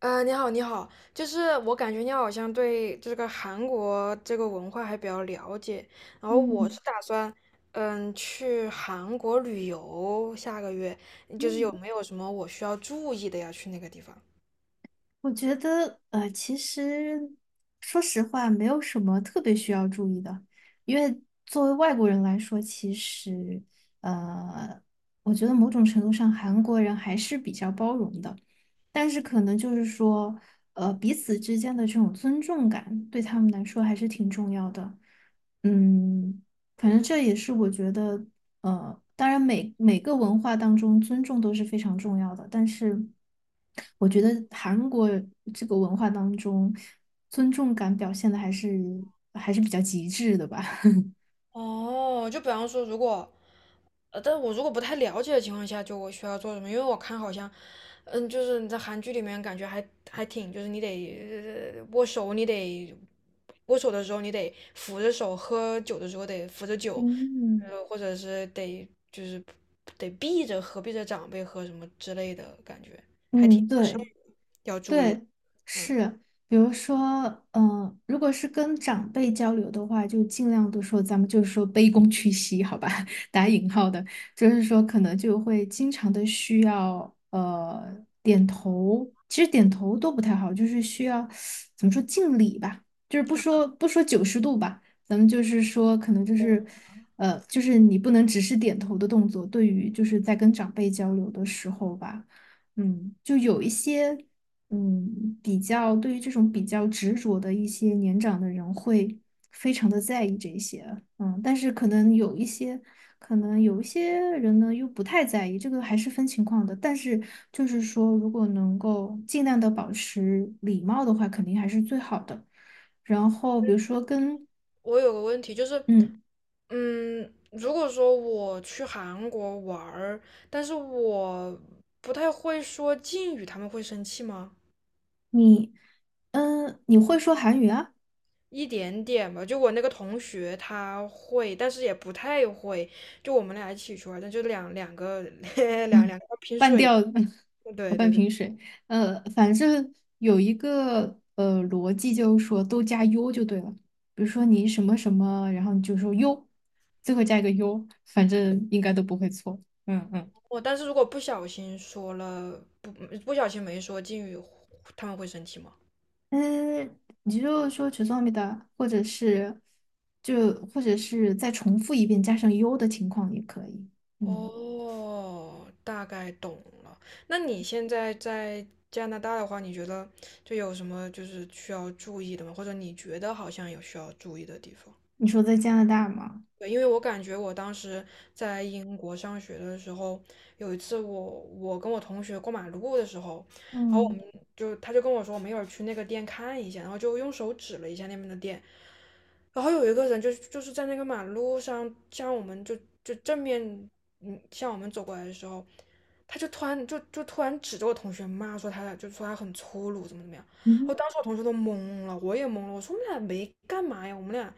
你好，你好，就是我感觉你好像对这个韩国这个文化还比较了解，然后我嗯是打算，嗯，去韩国旅游，下个月，就是有嗯，没有什么我需要注意的呀？去那个地方？我觉得其实说实话，没有什么特别需要注意的，因为作为外国人来说，其实呃，我觉得某种程度上韩国人还是比较包容的，但是可能就是说，彼此之间的这种尊重感，对他们来说还是挺重要的。嗯，反正这也是我觉得，当然每个文化当中尊重都是非常重要的，但是我觉得韩国这个文化当中，尊重感表现的还是比较极致的吧。哦，就比方说，如果，呃，但我如果不太了解的情况下，就我需要做什么？因为我看好像，嗯，就是你在韩剧里面感觉还挺，就是你得握手，你得握手的时候你得扶着手，喝酒的时候得扶着酒，嗯，呃，或者是得就是得避着喝，避着长辈喝什么之类的感觉，嗯，是对。要注意的。对，嗯，是，比如说，嗯、如果是跟长辈交流的话，就尽量的说，咱们就是说卑躬屈膝，好吧，打引号的，就是说可能就会经常的需要点头，其实点头都不太好，就是需要怎么说敬礼吧，就是不说90度吧，咱们就是说可能就是就是你不能只是点头的动作，对于就是在跟长辈交流的时候吧。嗯，就有一些嗯，比较对于这种比较执着的一些年长的人会非常的在意这些，嗯，但是可能有一些，可能有一些人呢又不太在意，这个还是分情况的。但是就是说，如果能够尽量的保持礼貌的话，肯定还是最好的。然后比如说跟，我有个问题就是。嗯，嗯，如果说我去韩国玩儿，但是我不太会说敬语，他们会生气吗？你，嗯，你会说韩语啊？一点点吧，就我那个同学他会，但是也不太会。就我们俩一起去玩儿但就两个 两 两个拼半水。吊子，哦，对半对对，瓶水。反正有一个逻辑，就是说都加 u 就对了。比如说你什么什么，然后你就说 u，最后加一个 u，反正应该都不会错。嗯嗯。我但是如果不小心说了，不小心没说敬语，他们会生气吗？嗯，你就说죄송합니다或者是就或者是再重复一遍加上 u 的情况也可以。嗯，哦，大概懂了。那你现在在加拿大的话，你觉得就有什么就是需要注意的吗？或者你觉得好像有需要注意的地方？你说在加拿大吗？对，因为我感觉我当时在英国上学的时候，有一次我跟我同学过马路的时候，然后我嗯们就他就跟我说，我们一会儿去那个店看一下，然后就用手指了一下那边的店，然后有一个人就是在那个马路上向我们就正面嗯向我们走过来的时候，他就突然就就突然指着我同学骂说他俩就说他很粗鲁怎么怎么样，嗯我哼当时我同学都懵了，我也懵了，我说我们俩没干嘛呀，我们俩，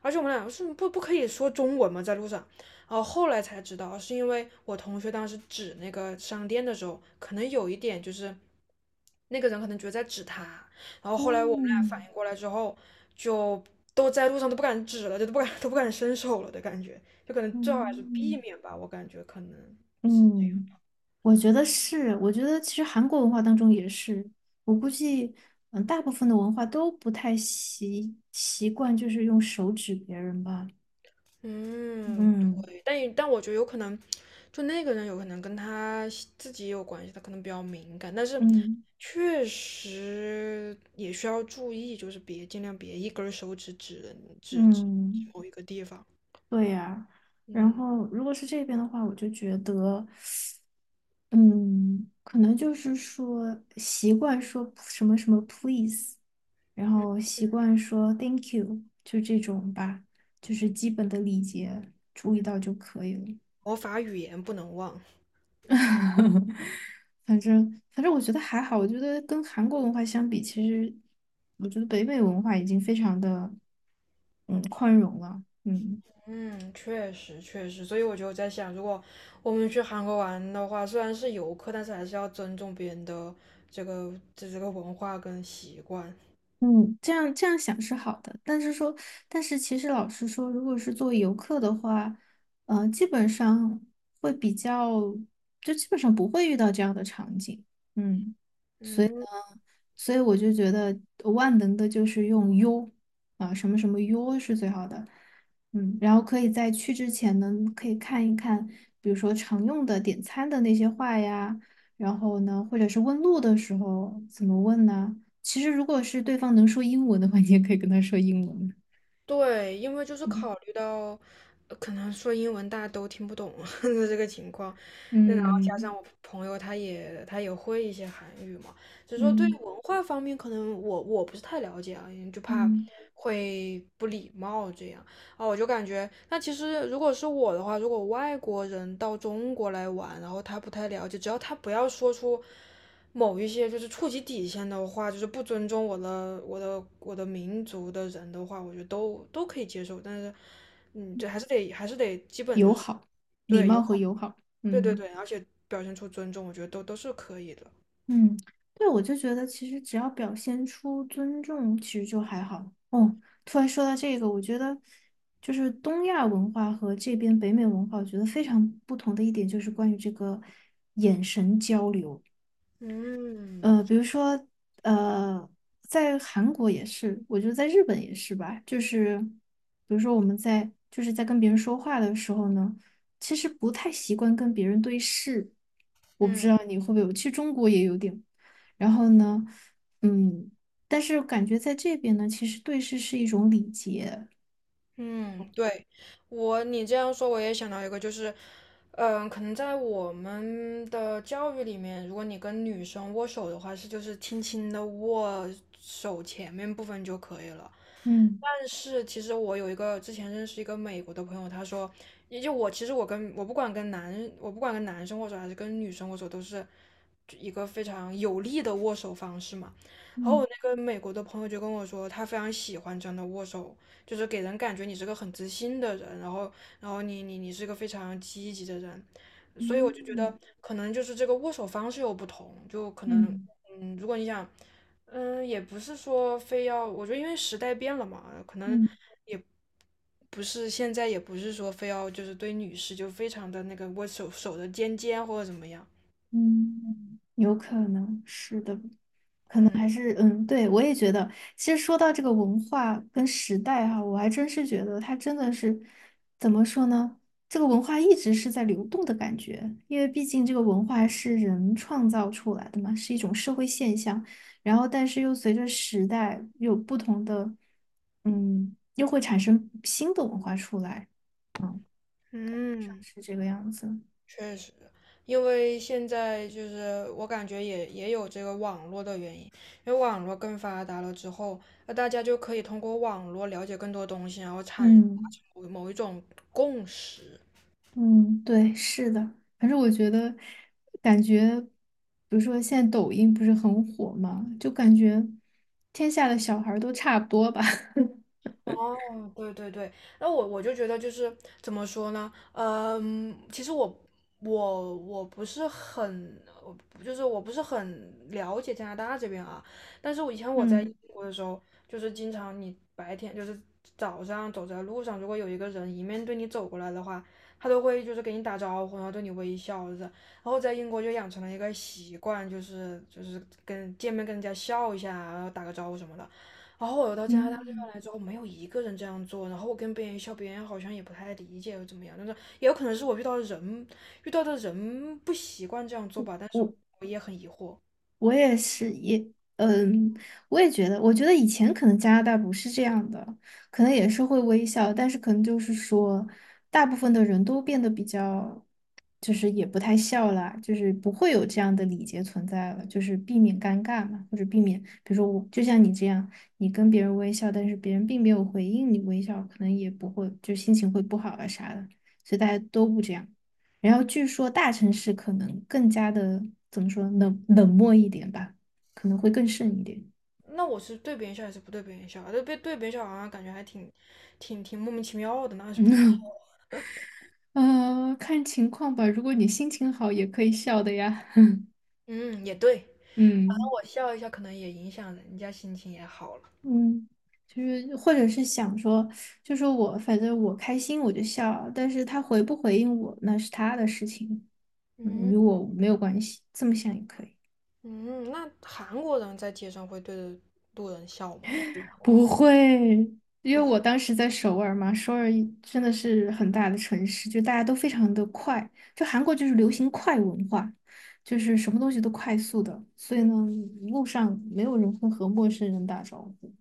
而且我们俩是不可以说中文吗？在路上，然后后来才知道是因为我同学当时指那个商店的时候，可能有一点就是那个人可能觉得在指他。然后后来我们俩反嗯应过来之后，就都在路上都不敢指了，就都不敢 都不敢伸手了的感觉，就可能最好还是避嗯。免吧，我感觉可能是这样。嗯，我觉得是，我觉得其实韩国文化当中也是，我估计，嗯，大部分的文化都不太习惯，就是用手指别人吧。嗯，嗯对，但我觉得有可能，就那个人有可能跟他自己也有关系，他可能比较敏感，但是嗯确实也需要注意，就是别尽量别一根儿手指指人指嗯，某一个地方。对呀。然嗯后，如果是这边的话，我就觉得，嗯，可能就是说习惯说什么什么 please，然嗯后习惯说 thank you，就这种吧，就是基本的礼节注意嗯，到就可以了。魔法语言不能忘。反正我觉得还好，我觉得跟韩国文化相比，其实我觉得北美文化已经非常的嗯宽容了，嗯嗯，确实确实，所以我就在想，如果我们去韩国玩的话，虽然是游客，但是还是要尊重别人的这这个文化跟习惯。嗯，这样这样想是好的，但是说，但是其实老实说，如果是作为游客的话，基本上会比较，就基本上不会遇到这样的场景，嗯。嗯。所以我就觉得万能的就是用 U 啊，什么什么 U 是最好的。嗯，然后可以在去之前呢，可以看一看，比如说常用的点餐的那些话呀，然后呢，或者是问路的时候怎么问呢？其实如果是对方能说英文的话，你也可以跟他说英文。对，因为就是嗯考虑到，可能说英文大家都听不懂 的这个情况，那然后加嗯上我朋友他也会一些韩语嘛，所以说对于嗯文化方面可能我不是太了解啊，因为就怕嗯，会不礼貌这样啊，我就感觉那其实如果是我的话，如果外国人到中国来玩，然后他不太了解，只要他不要说出。某一些就是触及底线的话，就是不尊重我的民族的人的话，我觉得都可以接受。但是，嗯，这还是得基本就友是好、礼对友貌和好，友好。对对嗯。对，而且表现出尊重，我觉得都是可以的。嗯，对，我就觉得其实只要表现出尊重，其实就还好。哦，突然说到这个，我觉得就是东亚文化和这边北美文化，我觉得非常不同的一点就是关于这个眼神交流。嗯比如说，呃，在韩国也是，我觉得在日本也是吧。就是，比如说我们在就是在跟别人说话的时候呢，其实不太习惯跟别人对视。我不知嗯道你会不会有，其实中国也有点。然后呢，嗯，但是感觉在这边呢，其实对视是一种礼节。嗯，对我你这样说，我也想到一个，就是，嗯，可能在我们的教育里面，如果你跟女生握手的话，是就是轻轻的握手前面部分就可以了。嗯但是其实我有一个之前认识一个美国的朋友，他说，也就我其实我跟我不管跟男生握手还是跟女生握手，都是一个非常有力的握手方式嘛。然后嗯我那个美国的朋友就跟我说，他非常喜欢这样的握手，就是给人感觉你是个很自信的人，然后然后你你是个非常积极的人，所以我就觉嗯得可能就是这个握手方式有不同，就可能嗯嗯，如果你想。嗯，也不是说非要，我觉得因为时代变了嘛，可能嗯也不是现在，也不是说非要就是对女士就非常的那个握手手的尖尖或者怎么样。嗯，嗯有可能是的。嗯还是嗯，对，我也觉得。其实说到这个文化跟时代哈、我还真是觉得它真的是怎么说呢？这个文化一直是在流动的感觉，因为毕竟这个文化是人创造出来的嘛，是一种社会现象。然后，但是又随着时代有不同的，嗯，又会产生新的文化出来，嗯，嗯，是这个样子。确实，因为现在就是我感觉也有这个网络的原因，因为网络更发达了之后，那大家就可以通过网络了解更多东西，然后产达嗯。成某一种共识。嗯，对，是的。反正我觉得，感觉，比如说现在抖音不是很火嘛，就感觉天下的小孩儿都差不多吧。哦，对对对，那我就觉得就是怎么说呢，嗯，其实我我不是很，我就是我不是很了解加拿大这边啊，但是我以前我在英嗯国的时候，就是经常你白天就是早上走在路上，如果有一个人迎面对你走过来的话，他都会就是给你打招呼，然后对你微笑着，然后在英国就养成了一个习惯，就是跟见面跟人家笑一下啊，然后打个招呼什么的。然后我到加拿大这边嗯，来之后，没有一个人这样做。然后我跟别人笑，别人好像也不太理解又怎么样。但是也有可能是我遇到的人，遇到的人不习惯这样做吧。但是我。我也很疑惑，我也是，也，嗯，我也觉得，我觉得以前可能加拿大不是这样的，可能也是会微笑，但是可能就是说，大部分的人都变得比较，就是也不太笑啦，就是不会有这样的礼节存在了，就是避免尴尬嘛，或者避免，比如说我就像你这样，你跟别人微笑，但是别人并没有回应你微笑，可能也不会，就心情会不好啊啥的，所以大家都不这样。然后据说大城市可能更加的怎么说冷漠一点吧，可能会更甚一点。那我是对别人笑还是不对别人笑啊？对别人笑好像感觉还挺莫名其妙的，那是不？看情况吧。如果你心情好，也可以笑的呀。嗯，也对。反正嗯我笑一下，可能也影响人家心情也好了。嗯，就是或者是想说，就说我反正我开心我就笑，但是他回不回应我那是他的事情，嗯，嗯与我没有关系，这么想也可以。嗯，那韩国人在街上会对着路人笑吗？不会，因为不。我当时在首尔嘛，首尔一真的是很大的城市，就大家都非常的快，就韩国就是流行快文化，就是什么东西都快速的，所以呢，路上没有人会和陌生人打招呼。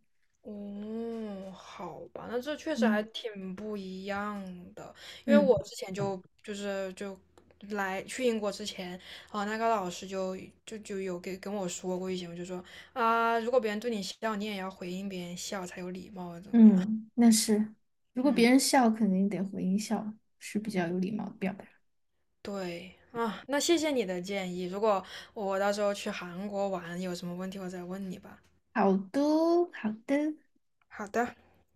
哦，好吧，那这确实还嗯挺不一样的，因为嗯我之前就就是就来去英国之前，啊、那个老师就有给跟我说过一些，我就说啊，如果别人对你笑，你也要回应别人笑才有礼貌，怎么样？嗯，那是，如 果嗯，别人笑，肯定得回应笑，是比较有礼貌的表达。对啊，那谢谢你的建议，如果我到时候去韩国玩，有什么问题我再问你吧。好的，好的。好的。